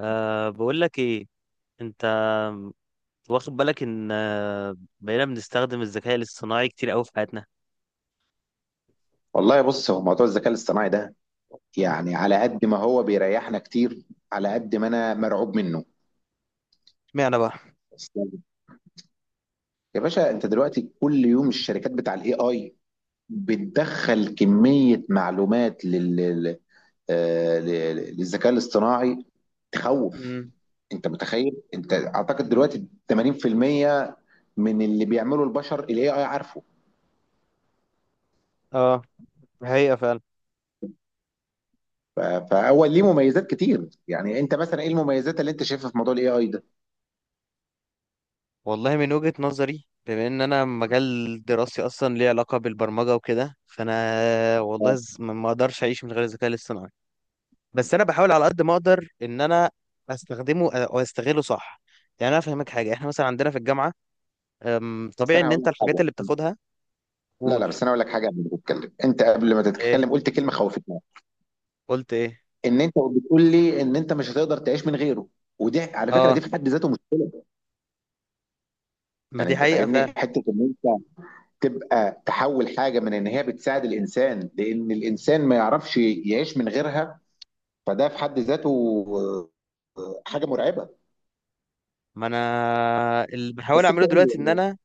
بقول لك ايه؟ انت واخد بالك ان بقينا بنستخدم الذكاء الاصطناعي كتير قوي في حياتنا. والله بص، هو موضوع الذكاء الاصطناعي ده، يعني على قد ما هو بيريحنا كتير، على قد ما انا مرعوب منه. اشمعنى بقى؟ يا باشا، انت دلوقتي كل يوم الشركات بتاع الاي اي بتدخل كمية معلومات للذكاء الاصطناعي. تخوف. امم انت متخيل؟ انت اعتقد دلوقتي 80% من اللي بيعمله البشر الاي اي عارفه. اه، الحقيقة فعلا. فاول ليه مميزات كتير، يعني انت مثلا ايه المميزات اللي انت شايفها في موضوع الاي اي ده؟ والله من وجهة نظري، بما ان انا مجال دراستي اصلا ليه علاقة بالبرمجة وكده، فانا والله ما اقدرش اعيش من غير الذكاء الاصطناعي. بس انا بحاول على قد ما اقدر ان انا استخدمه او استغله صح. يعني انا افهمك حاجة، احنا مثلا عندنا في الجامعة، بس طبيعي انا ان هقول انت لك الحاجات اللي حاجه. بتاخدها. لا قول. لا، بس انا اقول لك حاجه قبل ما تتكلم. انت قبل ما ايه؟ تتكلم قلت كلمه خوفتني. قلت ايه؟ ان انت بتقول لي ان انت مش هتقدر تعيش من غيره، ودي على فكره، دي اه، في حد ذاته مشكله. ما يعني دي انت حقيقة فاهمني، فعلا. حته ان انت تبقى تحول حاجه من ان هي بتساعد الانسان، لان الانسان ما يعرفش يعيش من غيرها. فده في حد ذاته حاجه مرعبه. ما انا اللي بحاول بس انت اعمله قول لي دلوقتي ان يعني. انا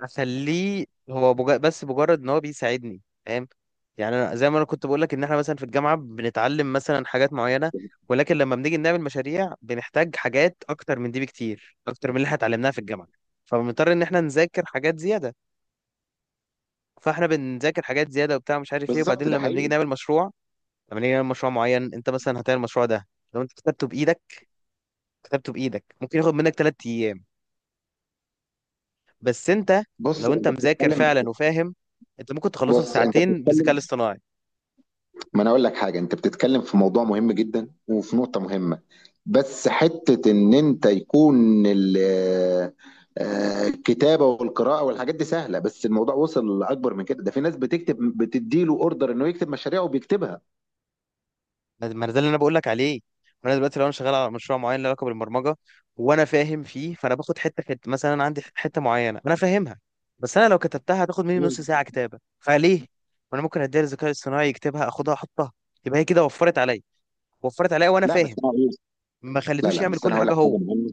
اخليه هو بس مجرد ان هو بيساعدني، فاهم؟ يعني انا زي ما انا كنت بقول لك ان احنا مثلا في الجامعة بنتعلم مثلا حاجات معينة، ولكن لما بنيجي نعمل مشاريع بنحتاج حاجات اكتر من دي بكتير، اكتر من اللي احنا اتعلمناها في الجامعة، فبنضطر ان احنا نذاكر حاجات زيادة. فاحنا بنذاكر حاجات زيادة وبتاع مش عارف ايه، بالظبط، وبعدين ده لما بنيجي حقيقي. نعمل مشروع، لما نيجي نعمل مشروع معين، انت مثلا هتعمل المشروع ده، لو انت كتبته بايدك، كتبته بايدك ممكن ياخد منك ثلاث ايام. بس انت بص لو انت انت مذاكر بتتكلم فعلا وفاهم، انت ممكن تخلصه في بص انت ساعتين بالذكاء بتتكلم الاصطناعي. ما انا اقول لك حاجه، انت بتتكلم في موضوع مهم جدا وفي نقطه مهمه. بس حتة إن أنت يكون الكتابة والقراءة والحاجات دي سهلة، بس الموضوع وصل لأكبر من كده، ده في ناس بتكتب بتديله أوردر إنه يكتب مشاريع وبيكتبها. ما ده اللي انا بقول لك عليه. ما انا دلوقتي لو انا شغال على مشروع معين له علاقه بالبرمجه وانا فاهم فيه، فانا باخد حته حته. مثلا انا عندي حته معينه انا فاهمها، بس انا لو كتبتها هتاخد مني نص مم. ساعه كتابه، فليه ما انا ممكن اديها للذكاء الاصطناعي يكتبها، اخدها احطها؟ يبقى هي كده وفرت عليا. وفرت عليا وانا لا بس فاهم، أنا هقول- ما لا خليتوش لا، يعمل بس أنا كل هقول حاجه لك حاجة هو. مهمة.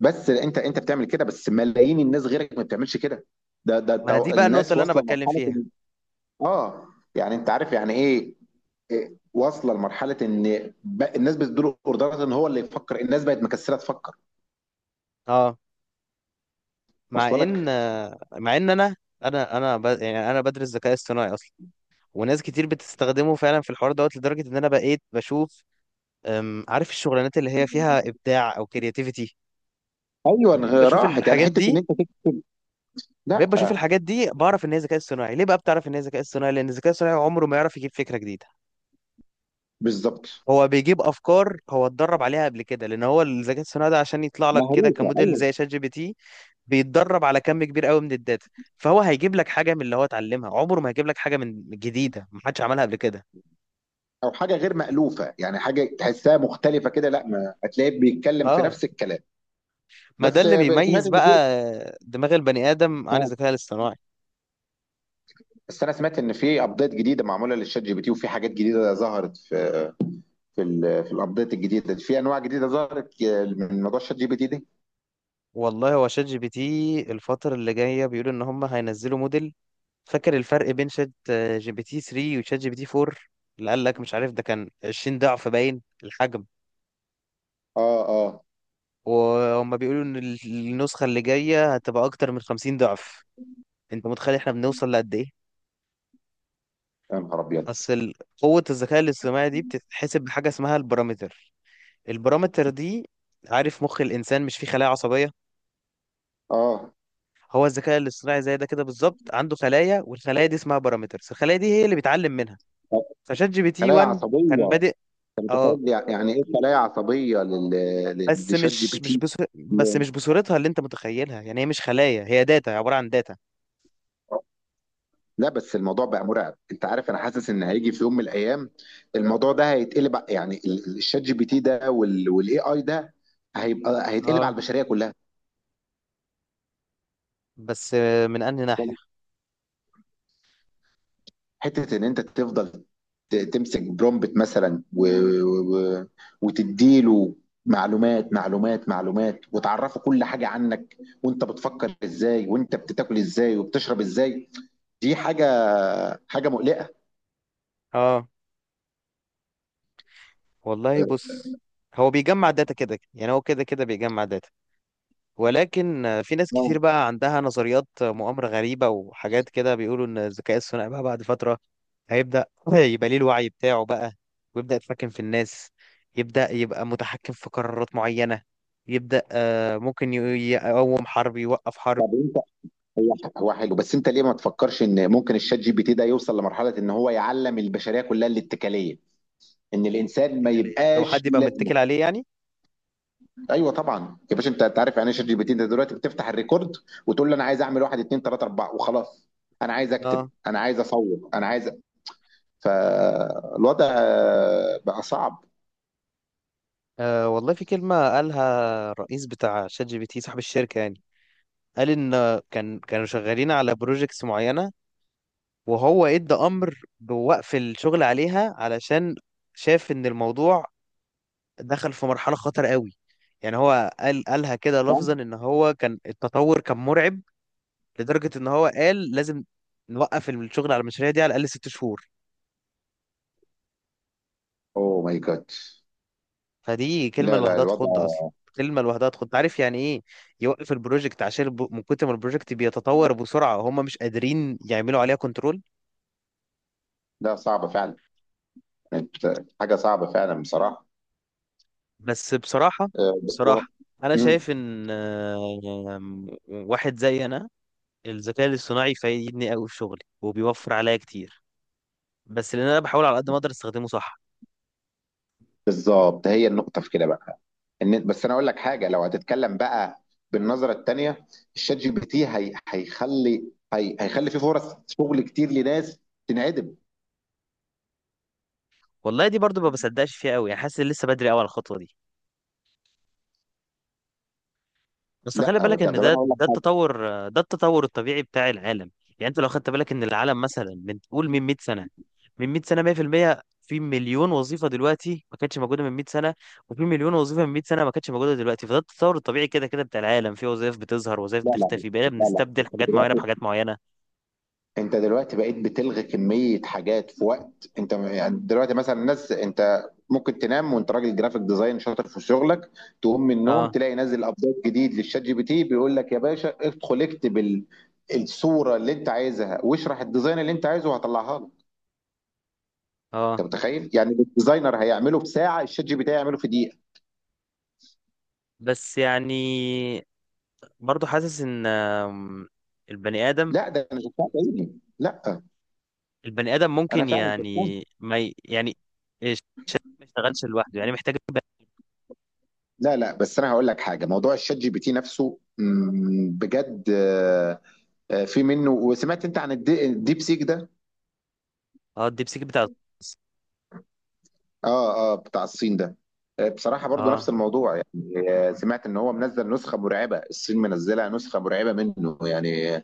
بس أنت بتعمل كده، بس ملايين الناس غيرك ما بتعملش كده. ده ما انا دي بقى النقطه الناس اللي انا واصلة بتكلم لمرحلة فيها. إن، آه، يعني أنت عارف يعني إيه؟ واصلة لمرحلة إن الناس بتديله أوردرات إن هو اللي يفكر، الناس بقت مكسلة تفكر. اه، مع واصلة ان لك. مع ان انا انا يعني انا بدرس ذكاء اصطناعي اصلا، وناس كتير بتستخدمه فعلا في الحوار دوت، لدرجه ان انا بقيت بشوف، عارف الشغلانات اللي هي فيها ابداع او كرياتيفيتي؟ ايوه، بقيت بشوف راحت، يعني الحاجات حته ان دي. انت لا. بقيت بشوف الحاجات دي بعرف ان هي ذكاء اصطناعي. ليه بقى بتعرف ان هي ذكاء اصطناعي؟ لان الذكاء الاصطناعي عمره ما يعرف يجيب فكره جديده. بالظبط. هو بيجيب افكار هو اتدرب عليها قبل كده، لان هو الذكاء الصناعي ده عشان يطلع لك كده مهروسه، كموديل ايوه. زي شات جي بي تي بيتدرب على كم كبير قوي من الداتا. فهو هيجيب لك حاجه من اللي هو اتعلمها، عمره ما هيجيب لك حاجه من جديده ما حدش عملها قبل كده. او حاجه غير مالوفه، يعني حاجه تحسها مختلفه كده، لا ما هتلاقيه بيتكلم في اه، نفس الكلام. ما ده بس اللي ب- سمعت بيميز ان في، بقى دماغ البني ادم عن اه، الذكاء الاصطناعي. بس انا سمعت ان في ابديت جديده معموله للشات جي بي تي، وفي حاجات جديده ظهرت في الابديت الجديده دي. في انواع جديده ظهرت من موضوع الشات جي بي تي ده. والله هو شات جي بي تي الفتره اللي جايه بيقولوا ان هم هينزلوا موديل. فاكر الفرق بين شات جي بي تي 3 وشات جي بي تي 4؟ اللي قال لك مش عارف، ده كان 20 ضعف باين الحجم. اه. اه. وهم بيقولوا ان النسخة اللي جاية هتبقى اكتر من 50 ضعف. انت متخيل احنا بنوصل لقد ايه؟ يا نهار ابيض. اصل قوة الذكاء الاصطناعي دي بتتحسب بحاجة اسمها البارامتر. البارامتر دي، عارف مخ الانسان مش فيه خلايا عصبية؟ اه. هو الذكاء الاصطناعي زي ده كده بالظبط، عنده خلايا، والخلايا دي اسمها بارامترز. الخلايا دي هي اللي بيتعلم منها. فشات جي بي تي خلايا 1 كان عصبيه. بادئ. انت اه، متخيل يعني ايه خلايا عصبيه بس لشات جي بي مش مش تي؟ بس بس مش بصورتها اللي انت متخيلها. يعني هي مش خلايا، هي داتا، عبارة عن داتا. لا، بس الموضوع بقى مرعب. انت عارف، انا حاسس ان هيجي في يوم من الايام الموضوع ده يعني الشات جي بي تي ده والاي اي ده هيتقلب على اه، البشريه كلها. بس من انهي ناحية؟ حته ان انت تفضل تمسك برومبت مثلا و... وتديله معلومات معلومات معلومات، وتعرفه كل حاجه عنك، وانت بتفكر ازاي وانت بتاكل ازاي وبتشرب ازاي. دي حاجه، حاجه مقلقه. اه، والله بص، هو بيجمع داتا كده. يعني هو كده كده بيجمع داتا، ولكن في ناس كتير بقى عندها نظريات مؤامرة غريبة وحاجات كده، بيقولوا إن الذكاء الصناعي بقى بعد فترة هيبدأ يبقى ليه الوعي بتاعه بقى، ويبدأ يتحكم في الناس، يبدأ يبقى متحكم في قرارات معينة، يبدأ ممكن يقوم حرب، يوقف حرب. هو حلو، بس انت ليه ما تفكرش ان ممكن الشات جي بي تي ده يوصل لمرحله ان هو يعلم البشريه كلها الاتكاليه؟ ان ايه الانسان ما الاتكال؟ لو يبقاش حد ليه يبقى لازمه. متكل عليه يعني. ايوه طبعا يا باشا. أنت عارف يعني ايه شات جي بي تي؟ انت دلوقتي بتفتح الريكورد وتقول له انا عايز اعمل واحد اتنين تلاته اربعه وخلاص. انا عايز اكتب، اه، انا عايز اصور، انا عايز. فالوضع بقى صعب. والله في كلمة قالها الرئيس بتاع شات جي بي تي صاحب الشركة يعني. قال ان كانوا شغالين على بروجيكتس معينه وهو ادى امر بوقف الشغل عليها، علشان شاف ان الموضوع دخل في مرحله خطر قوي. يعني هو قال، قالها كده لفظا، ان هو كان التطور كان مرعب لدرجه ان هو قال لازم نوقف الشغل على المشاريع دي على الاقل ست شهور. اوه ماي جاد. فدي كلمه لا لا، لوحدها الوضع تخض اصلا. كلمه لوحدها تخض، عارف يعني ايه؟ يوقف البروجكت عشان من كتر ما البروجكت بيتطور بسرعه هم مش قادرين يعملوا عليها كنترول. ده صعب فعلا. حاجه صعبه فعلا بصراحه. بس بصراحة، آه، و- بصراحة أنا مم. شايف إن واحد زي أنا الذكاء الاصطناعي فايدني أوي في شغلي وبيوفر عليا كتير، بس لأن أنا بحاول على قد ما أقدر أستخدمه صح. بالظبط، هي النقطه في كده بقى. بس انا اقول لك حاجه لو هتتكلم بقى بالنظره التانيه. الشات جي بي تي هيخلي هيخلي فيه فرص شغل كتير لناس تنعدم. والله دي برضو ما بصدقش فيها أوي، يعني حاسس إن لسه بدري أوي على الخطوة دي. بس خلي لا، بالك طب ان ده انا اقول لك ده حاجه. التطور، ده التطور الطبيعي بتاع العالم. يعني انت لو خدت بالك ان العالم مثلا من قول من 100 سنه، من 100 سنه 100% في المية، في مليون وظيفه دلوقتي ما كانتش موجوده من 100 سنه، وفي مليون وظيفه من 100 سنه ما كانتش موجوده دلوقتي. فده التطور الطبيعي كده كده بتاع العالم، في وظائف بتظهر، وظائف لا لا، بتختفي، بقينا لا لا بنستبدل انت حاجات معينه دلوقتي بحاجات معينه. انت دلوقتي بقيت بتلغي كميه حاجات في وقت انت يعني دلوقتي مثلا الناس. انت ممكن تنام وانت راجل جرافيك ديزاين شاطر في شغلك، تقوم من النوم اه. تلاقي نازل ابديت جديد للشات جي بي تي بيقول لك يا باشا ادخل اكتب الصوره اللي انت عايزها واشرح الديزاين اللي انت عايزه وهطلعها لك. اه، انت متخيل؟ يعني الديزاينر هيعمله في ساعه، الشات جي بي تي هيعمله في دقيقه. بس يعني برضو حاسس ان البني ادم، لا ده انا شفتها بعيني، لا، البني ادم انا ممكن فعلا شفتها. يعني ما ي- يعني إيش- ما يشتغلش لوحده يعني، محتاج. لا لا، بس انا هقول لك حاجه. موضوع الشات جي بي تي نفسه، بجد في منه. وسمعت انت عن الديب سيك ده؟ اه، الديبسيك بتاع الغاز. اه اه، بتاع الصين ده. بصراحه برضو اه، نفس الموضوع. يعني سمعت ان هو منزل نسخه مرعبه، الصين منزله نسخه مرعبه منه يعني.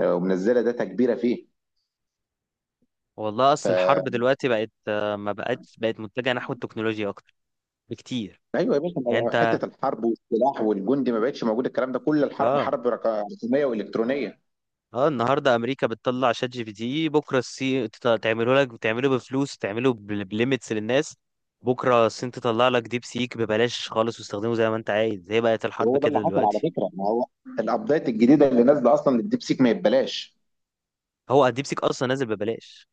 ومنزله داتا كبيره فيه. والله اصل الحرب دلوقتي بقت ما بقتش، بقت متجهه نحو التكنولوجيا اكتر بكتير. ايوه يا باشا. ما يعني بقى انت، حته الحرب والسلاح والجندي، ما بقتش موجود الكلام ده. كل الحرب اه، حرب رقميه والكترونيه. اه، النهارده امريكا بتطلع شات جي بي تي، بكره الصين تعمله لك، تعمله بفلوس، تعمله بليميتس للناس. بكره الصين تطلع لك ديب سيك ببلاش خالص، واستخدمه زي ما انت عايز. هي بقت الحرب وهو ده اللي كده حصل، على دلوقتي. فكره. ما هو الابديت الجديده اللي نازله اصلا للديب سيك ما يتبلاش. هو الديب سيك اصلا نازل ببلاش.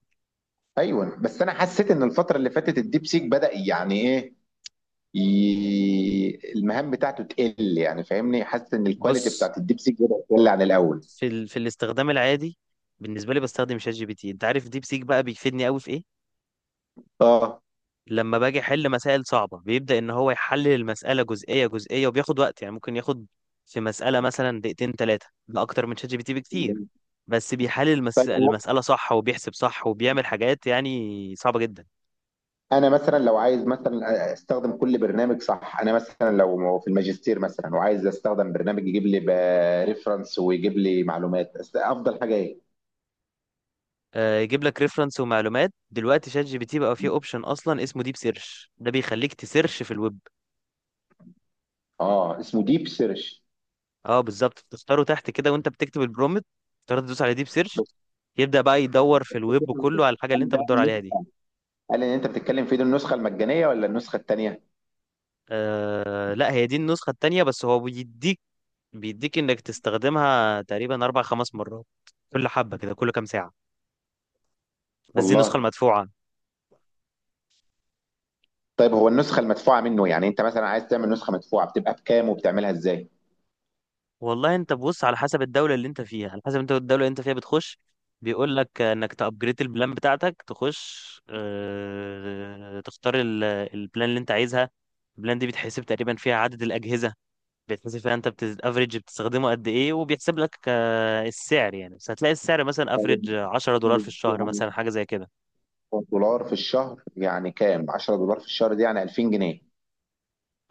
ايوه، بس انا حسيت ان الفتره اللي فاتت الديب سيك بدا يعني ايه، المهام بتاعته تقل. يعني فاهمني؟ حاسس ان الكواليتي بص، بتاعت الديب سيك بدات تقل عن الاول. في في الاستخدام العادي بالنسبه لي بستخدم شات جي بي تي. انت عارف ديب سيك بقى بيفيدني قوي في ايه؟ اه. لما باجي احل مسائل صعبه بيبدا ان هو يحلل المساله جزئيه جزئيه وبياخد وقت. يعني ممكن ياخد في مساله مثلا دقيقتين ثلاثه، ده اكتر من شات جي بي تي بكتير، بس بيحلل طيب، المساله صح، وبيحسب صح، وبيعمل حاجات يعني صعبه جدا. انا مثلا لو عايز مثلا استخدم كل برنامج صح، انا مثلا لو في الماجستير مثلا وعايز استخدم برنامج يجيب لي ريفرنس ويجيب لي معلومات، افضل حاجه ايه؟ يجيب لك ريفرنس ومعلومات. دلوقتي شات جي بي تي بقى فيه اوبشن اصلا اسمه ديب سيرش، ده بيخليك تسيرش في الويب. اه، اسمه ديب سيرش. اه، بالظبط، تختاره تحت كده وانت بتكتب البرومت، تقدر تدوس على ديب سيرش. بس. يبدا بقى يدور في الويب كله على الحاجه اللي قال انت ده بتدور عليها دي. قال ان انت بتتكلم فيه، دي النسخه المجانيه ولا النسخه الثانيه؟ آه لا، هي دي النسخة التانية، بس هو بيديك، بيديك انك تستخدمها تقريبا اربع خمس مرات، كل حبة كده، كل كام ساعة. بس دي النسخة والله. المدفوعة. طيب، هو النسخه المدفوعه منه، يعني انت مثلا عايز تعمل نسخه مدفوعه بتبقى بكام وبتعملها ازاي؟ والله انت بص، على حسب الدولة اللي انت فيها، على حسب انت الدولة اللي انت فيها بتخش، بيقول لك انك تأبجريد البلان بتاعتك، تخش آه تختار البلان اللي انت عايزها. البلان دي بيتحسب تقريبا فيها عدد الأجهزة، بيتحسب فيها انت بت افريج بتستخدمه قد ايه، وبيحسب لك آه السعر يعني. بس هتلاقي السعر مثلا طيب، افريج $10 في الشهر مثلا، يعني حاجة زي كده. دولار في الشهر يعني كام 10 دولار في الشهر دي يعني 2000 جنيه؟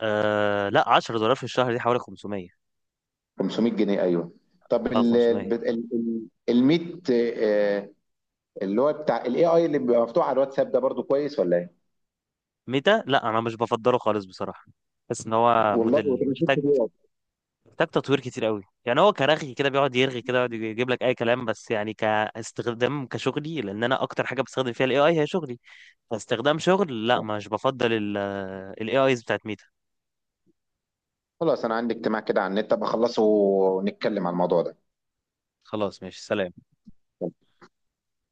آه لا، $10 في الشهر دي حوالي 500. 500 جنيه، ايوه. طب اه، 500. الميت، اللي هو بتاع الاي اي اللي بيبقى مفتوح على الواتساب ده، برضو كويس ولا ايه؟ ميتا لا، انا مش بفضله خالص بصراحه. بحس ان هو والله موديل وتنزلت محتاج، فيه. محتاج تطوير كتير قوي. يعني هو كرغي كده، بيقعد يرغي كده، يقعد يجيب لك اي كلام. بس يعني كاستخدام كشغلي، لان انا اكتر حاجه بستخدم فيها الاي اي هي شغلي، فاستخدام شغل لا مش بفضل الاي ايز بتاعت ميتا. خلاص، انا عندي اجتماع كده على النت بخلصه ونتكلم على الموضوع ده. خلاص ماشي، سلام.